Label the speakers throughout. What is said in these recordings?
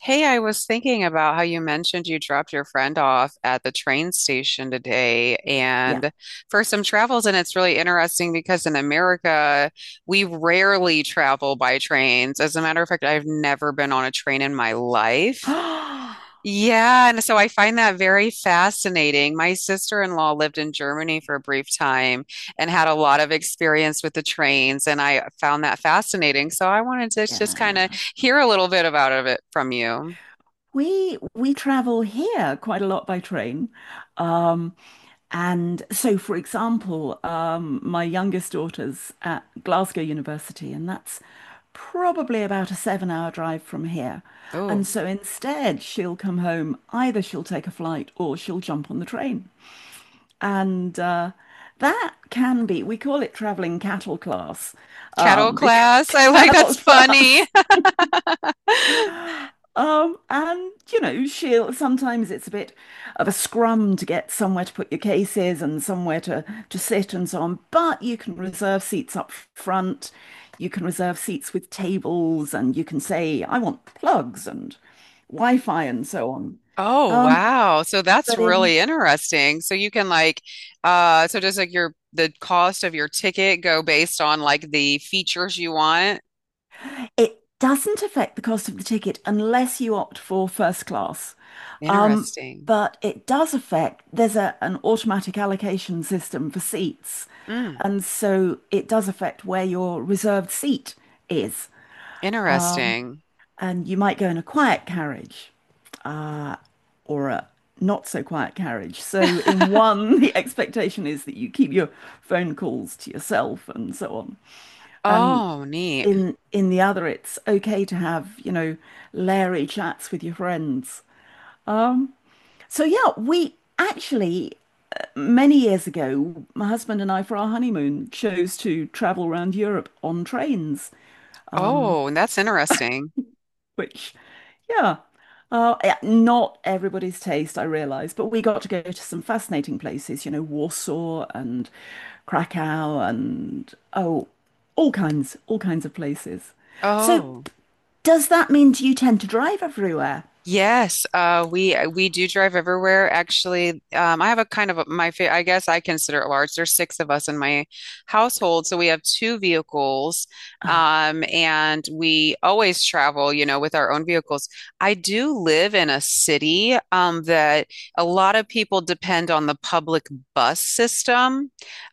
Speaker 1: Hey, I was thinking about how you mentioned you dropped your friend off at the train station today
Speaker 2: Yeah.
Speaker 1: and for some travels, and it's really interesting because in America, we rarely travel by trains. As a matter of fact, I've never been on a train in my life. Yeah, and so I find that very fascinating. My sister-in-law lived in Germany for a brief time and had a lot of experience with the trains, and I found that fascinating. So I wanted to just kind of
Speaker 2: Yeah.
Speaker 1: hear a little bit about of it from you.
Speaker 2: We travel here quite a lot by train. Um, and so for example, my youngest daughter's at Glasgow University, and that's probably about a 7 hour drive from here. And
Speaker 1: Oh,
Speaker 2: so instead she'll come home, either she'll take a flight or she'll jump on the train. And That can be, we call it traveling cattle class,
Speaker 1: kettle
Speaker 2: because
Speaker 1: class. I like
Speaker 2: cattle
Speaker 1: that's funny.
Speaker 2: class. She'll sometimes it's a bit of a scrum to get somewhere to put your cases and somewhere to sit and so on. But you can reserve seats up front, you can reserve seats with tables, and you can say, I want plugs and Wi-Fi and so on.
Speaker 1: Oh,
Speaker 2: Um,
Speaker 1: wow. So that's
Speaker 2: but in
Speaker 1: really interesting. So you can like, so does like your the cost of your ticket go based on like the features you want?
Speaker 2: It doesn't affect the cost of the ticket unless you opt for first class. Um,
Speaker 1: Interesting.
Speaker 2: but it does affect, there's an automatic allocation system for seats.
Speaker 1: Mm,
Speaker 2: And so it does affect where your reserved seat is.
Speaker 1: interesting.
Speaker 2: And you might go in a quiet carriage or a not so quiet carriage. So, in one, the expectation is that you keep your phone calls to yourself and so on. And
Speaker 1: Oh, neat.
Speaker 2: in the other it's okay to have leery chats with your friends, so yeah, we actually many years ago my husband and I for our honeymoon chose to travel around Europe on trains,
Speaker 1: Oh, that's interesting.
Speaker 2: which yeah, yeah, not everybody's taste, I realise, but we got to go to some fascinating places, you know, Warsaw and Krakow and oh, all kinds of places. So,
Speaker 1: Oh.
Speaker 2: does that mean do you tend to drive everywhere?
Speaker 1: Yes, we do drive everywhere. Actually, I have a kind of a, my fa I guess I consider it large. There's six of us in my household, so we have two vehicles,
Speaker 2: Ah,
Speaker 1: and we always travel, with our own vehicles. I do live in a city, that a lot of people depend on the public bus system,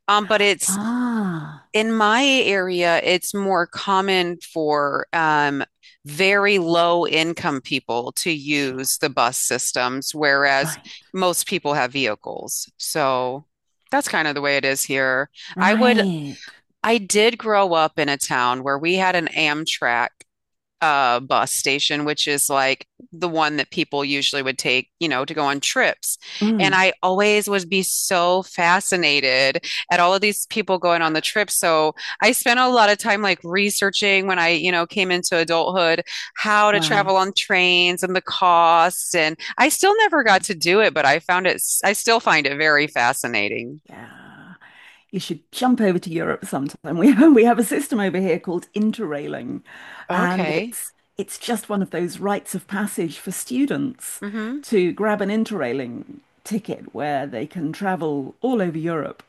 Speaker 1: but it's
Speaker 2: ah,
Speaker 1: in my area, it's more common for very low income people to
Speaker 2: sure.
Speaker 1: use the bus systems, whereas
Speaker 2: Right,
Speaker 1: most people have vehicles. So that's kind of the way it is here. I would,
Speaker 2: right.
Speaker 1: I did grow up in a town where we had an Amtrak bus station, which is like the one that people usually would take, to go on trips. And
Speaker 2: Mm,
Speaker 1: I always would be so fascinated at all of these people going on the trip. So I spent a lot of time like researching when I, came into adulthood, how to
Speaker 2: wow.
Speaker 1: travel on trains and the costs. And I still never got
Speaker 2: Yeah.
Speaker 1: to do it, but I still find it very fascinating.
Speaker 2: Yeah. You should jump over to Europe sometime. We have a system over here called interrailing, and
Speaker 1: Okay.
Speaker 2: it's just one of those rites of passage for students
Speaker 1: Hmm.
Speaker 2: to grab an interrailing ticket where they can travel all over Europe,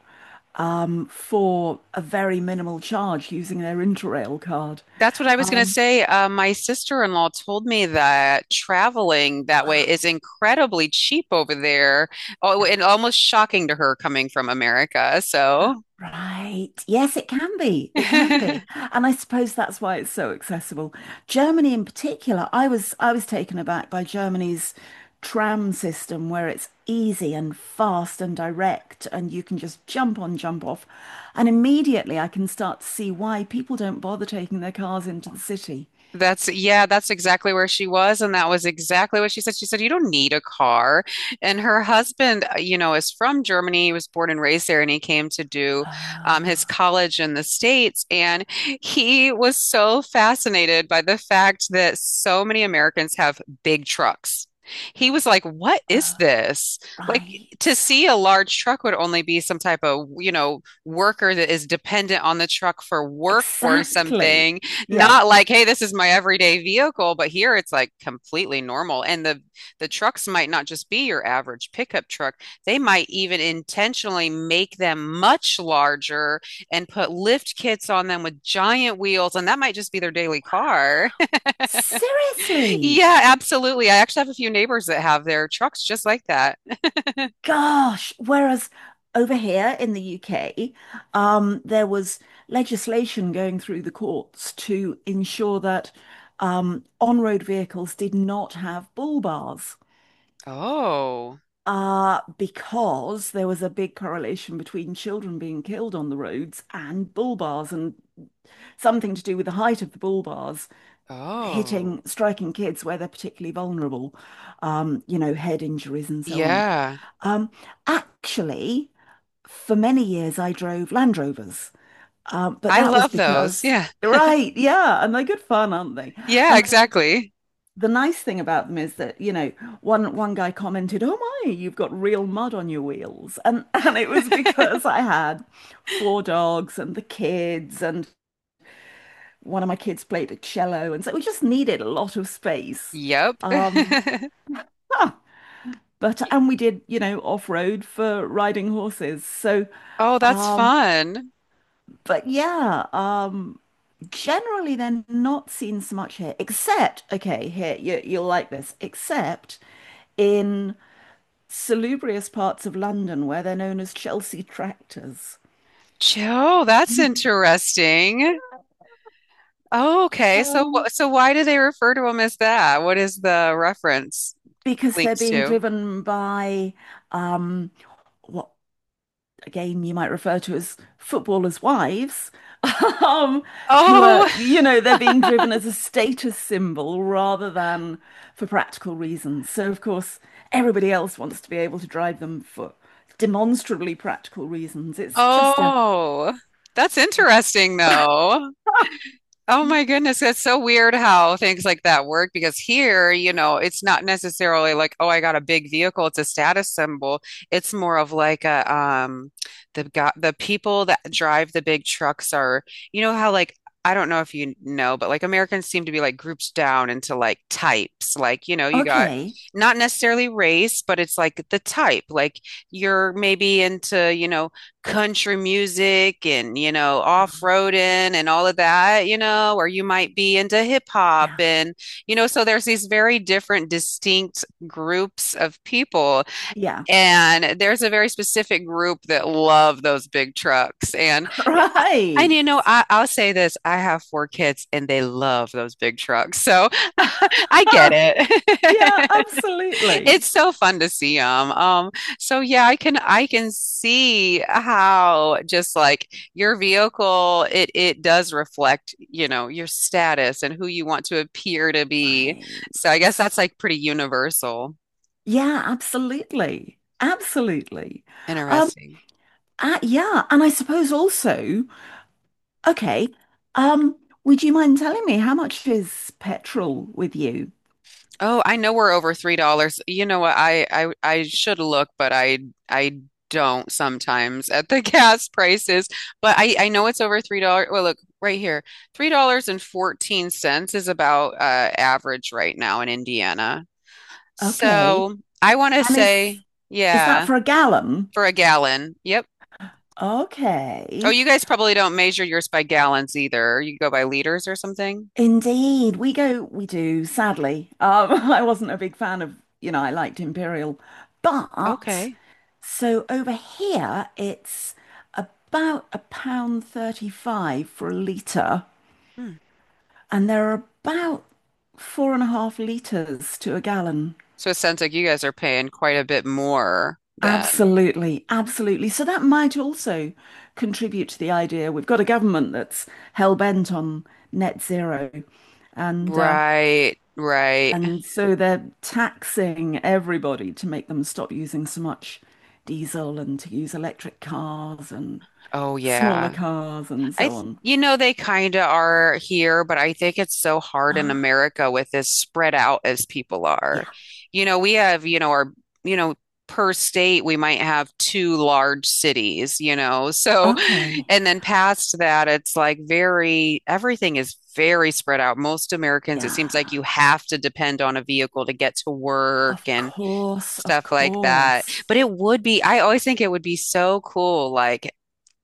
Speaker 2: for a very minimal charge using their Interrail card.
Speaker 1: That's what I was going to
Speaker 2: Um,
Speaker 1: say. My sister-in-law told me that traveling that way is incredibly cheap over there. Oh,
Speaker 2: yeah.
Speaker 1: and almost shocking to her coming from America. So,
Speaker 2: Right. Yes, it can be. It can be. And I suppose that's why it's so accessible. Germany in particular, I was taken aback by Germany's tram system where it's easy and fast and direct and you can just jump on, jump off. And immediately I can start to see why people don't bother taking their cars into the city.
Speaker 1: that's, yeah, that's exactly where she was. And that was exactly what she said. She said, "You don't need a car." And her husband, is from Germany. He was born and raised there, and he came to do his
Speaker 2: Oh,
Speaker 1: college in the States. And he was so fascinated by the fact that so many Americans have big trucks. He was like, "What is
Speaker 2: oh,
Speaker 1: this?" Like, to
Speaker 2: right.
Speaker 1: see a large truck would only be some type of, worker that is dependent on the truck for work or
Speaker 2: Exactly.
Speaker 1: something
Speaker 2: Yeah.
Speaker 1: not like, hey, this is my everyday vehicle, but here it's like completely normal. And the trucks might not just be your average pickup truck. They might even intentionally make them much larger and put lift kits on them with giant wheels, and that might just be their daily car.
Speaker 2: Seriously.
Speaker 1: Yeah, absolutely. I actually have a few neighbors that have their trucks just like that.
Speaker 2: Gosh, whereas over here in the UK, there was legislation going through the courts to ensure that on-road vehicles did not have bull bars,
Speaker 1: Oh,
Speaker 2: because there was a big correlation between children being killed on the roads and bull bars, and something to do with the height of the bull bars
Speaker 1: oh,
Speaker 2: hitting, striking kids where they're particularly vulnerable, head injuries and so on.
Speaker 1: yeah.
Speaker 2: Um, actually, for many years, I drove Land Rovers, but
Speaker 1: I
Speaker 2: that was
Speaker 1: love those.
Speaker 2: because,
Speaker 1: Yeah.
Speaker 2: right, yeah, and they're good fun, aren't they?
Speaker 1: Yeah,
Speaker 2: And
Speaker 1: exactly.
Speaker 2: the nice thing about them is that, you know, one guy commented, "Oh my, you've got real mud on your wheels," and and it was because I had four dogs and the kids, and one of my kids played a cello, and so we just needed a lot of space.
Speaker 1: Yep.
Speaker 2: Um, huh, but and we did, you know, off-road for riding horses, so.
Speaker 1: Oh, that's
Speaker 2: Um,
Speaker 1: fun.
Speaker 2: But yeah, generally they're not seen so much here, except, okay, here, you, you'll like this, except in salubrious parts of London where they're known as Chelsea tractors.
Speaker 1: Joe, that's interesting. Oh, okay. So,
Speaker 2: Um,
Speaker 1: why do they refer to him as that? What is the reference
Speaker 2: because they're
Speaker 1: linked
Speaker 2: being
Speaker 1: to?
Speaker 2: driven by um, what again, you might refer to as footballers' wives, um, who
Speaker 1: Oh,
Speaker 2: are, you know, they're being driven as a status symbol rather than for practical reasons. So, of course, everybody else wants to be able to drive them for demonstrably practical reasons.
Speaker 1: oh, that's interesting, though. Oh my goodness, that's so weird how things like that work because here, it's not necessarily like, oh, I got a big vehicle, it's a status symbol. It's more of like a, the people that drive the big trucks are, you know how, like, I don't know if you know, but like Americans seem to be like grouped down into like types. Like, you got
Speaker 2: Okay,
Speaker 1: not necessarily race, but it's like the type. Like you're maybe into, country music and
Speaker 2: um,
Speaker 1: off-roading and all of that or you might be into hip hop
Speaker 2: yeah,
Speaker 1: and so there's these very different distinct groups of people
Speaker 2: yeah,
Speaker 1: and there's a very specific group that love those big trucks and yeah, and
Speaker 2: right.
Speaker 1: I'll say this I have four kids and they love those big trucks so. I get
Speaker 2: Yeah,
Speaker 1: it.
Speaker 2: absolutely.
Speaker 1: It's so fun to see them. So yeah, I can see how just like your vehicle, it does reflect, your status and who you want to appear to be.
Speaker 2: Right.
Speaker 1: So I guess that's like pretty universal.
Speaker 2: Yeah, absolutely. Absolutely. Um,
Speaker 1: Interesting.
Speaker 2: Ah, yeah, and I suppose also, okay, um, would you mind telling me how much is petrol with you?
Speaker 1: Oh, I know we're over $3. You know what? I should look, but I don't sometimes at the gas prices. But I know it's over $3. Well, look right here. $3.14 is about average right now in Indiana.
Speaker 2: Okay.
Speaker 1: So I want to
Speaker 2: And
Speaker 1: say,
Speaker 2: is that
Speaker 1: yeah,
Speaker 2: for a gallon?
Speaker 1: for a gallon. Yep. Oh,
Speaker 2: Okay.
Speaker 1: you guys probably don't measure yours by gallons either. You go by liters or something.
Speaker 2: Indeed. We go, we do, sadly. I wasn't a big fan of, you know, I liked Imperial. But
Speaker 1: Okay.
Speaker 2: so over here it's about a pound 35 for a litre.
Speaker 1: Hmm.
Speaker 2: And there are about 4.5 litres to a gallon.
Speaker 1: So it sounds like you guys are paying quite a bit more than.
Speaker 2: Absolutely, absolutely. So that might also contribute to the idea. We've got a government that's hell bent on net zero, and uh,
Speaker 1: Right, right.
Speaker 2: and so they're taxing everybody to make them stop using so much diesel and to use electric cars and
Speaker 1: Oh
Speaker 2: smaller
Speaker 1: yeah.
Speaker 2: cars and
Speaker 1: I
Speaker 2: so
Speaker 1: th
Speaker 2: on.
Speaker 1: you know they kind of are here, but I think it's so hard in
Speaker 2: Ah,
Speaker 1: America with as spread out as people are.
Speaker 2: yeah.
Speaker 1: We have, our, you know, per state we might have two large cities. So
Speaker 2: Okay.
Speaker 1: and then past that it's like very everything is very spread out. Most Americans it seems like
Speaker 2: Yeah.
Speaker 1: you have to depend on a vehicle to get to work
Speaker 2: Of
Speaker 1: and
Speaker 2: course, of
Speaker 1: stuff like that.
Speaker 2: course.
Speaker 1: But I always think it would be so cool, like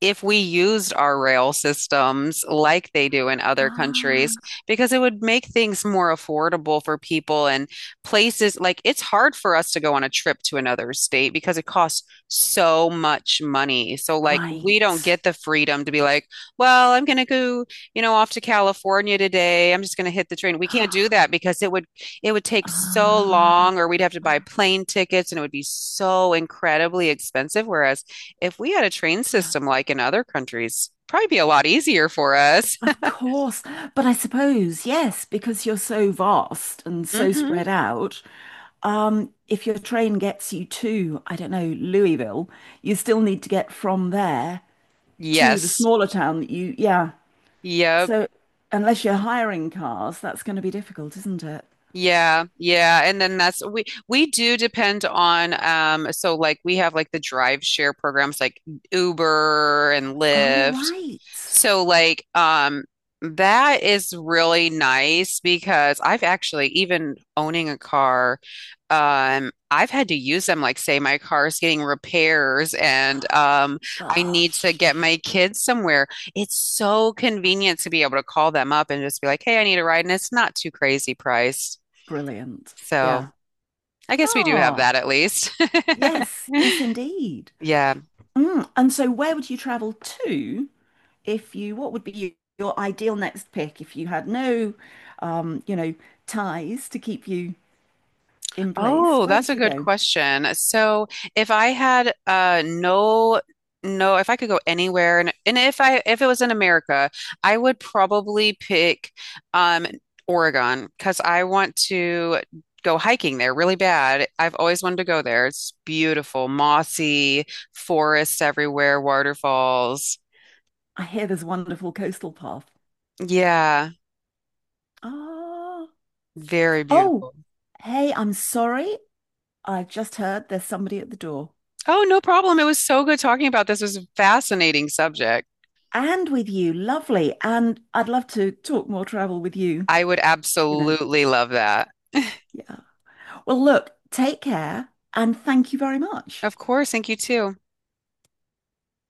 Speaker 1: if we used our rail systems like they do in other
Speaker 2: Ah,
Speaker 1: countries, because it would make things more affordable for people and places like it's hard for us to go on a trip to another state because it costs so much money. So, like, we don't
Speaker 2: right.
Speaker 1: get the freedom to be like, well, I'm going to go, off to California today. I'm just going to hit the train. We can't do that because it would take so
Speaker 2: Ah,
Speaker 1: long or we'd have to buy plane tickets and it would be so incredibly expensive. Whereas if we had a train
Speaker 2: yeah,
Speaker 1: system like in other countries, probably be a lot easier for us.
Speaker 2: of course. But I suppose, yes, because you're so vast and so
Speaker 1: Hmm.
Speaker 2: spread out, if your train gets you to, I don't know, Louisville, you still need to get from there to the
Speaker 1: Yes.
Speaker 2: smaller town that you, yeah.
Speaker 1: Yep.
Speaker 2: So unless you're hiring cars, that's going to be difficult, isn't it?
Speaker 1: Yeah, yeah, and then that's we do depend on so like we have like the drive share programs like Uber and
Speaker 2: Oh,
Speaker 1: Lyft.
Speaker 2: right.
Speaker 1: So like that is really nice because I've actually even owning a car I've had to use them like say my car is getting repairs and I need to get
Speaker 2: Gosh,
Speaker 1: my kids somewhere. It's so convenient to be able to call them up and just be like, "Hey, I need a ride," and it's not too crazy priced.
Speaker 2: brilliant. Yeah.
Speaker 1: So I guess we do have
Speaker 2: Oh,
Speaker 1: that at least.
Speaker 2: yes, yes, indeed.
Speaker 1: Yeah.
Speaker 2: Mm. And so, where would you travel to if you, what would be your ideal next pick if you had no, um, you know, ties to keep you in place?
Speaker 1: Oh,
Speaker 2: Where
Speaker 1: that's
Speaker 2: would
Speaker 1: a
Speaker 2: you
Speaker 1: good
Speaker 2: go?
Speaker 1: question. So if I had, no, no, if I could go anywhere and if it was in America, I would probably pick um Oregon because I want to go hiking there really bad. I've always wanted to go there. It's beautiful, mossy, forests everywhere, waterfalls.
Speaker 2: I hear there's a wonderful coastal path.
Speaker 1: Yeah,
Speaker 2: Ah,
Speaker 1: very
Speaker 2: oh,
Speaker 1: beautiful.
Speaker 2: hey, I'm sorry. I've just heard there's somebody at the door.
Speaker 1: Oh, no problem. It was so good talking about this. It was a fascinating subject.
Speaker 2: And with you, lovely. And I'd love to talk more travel with you,
Speaker 1: I would
Speaker 2: you know.
Speaker 1: absolutely love that.
Speaker 2: Yeah. Well, look, take care and thank you very much.
Speaker 1: Of course. Thank you too.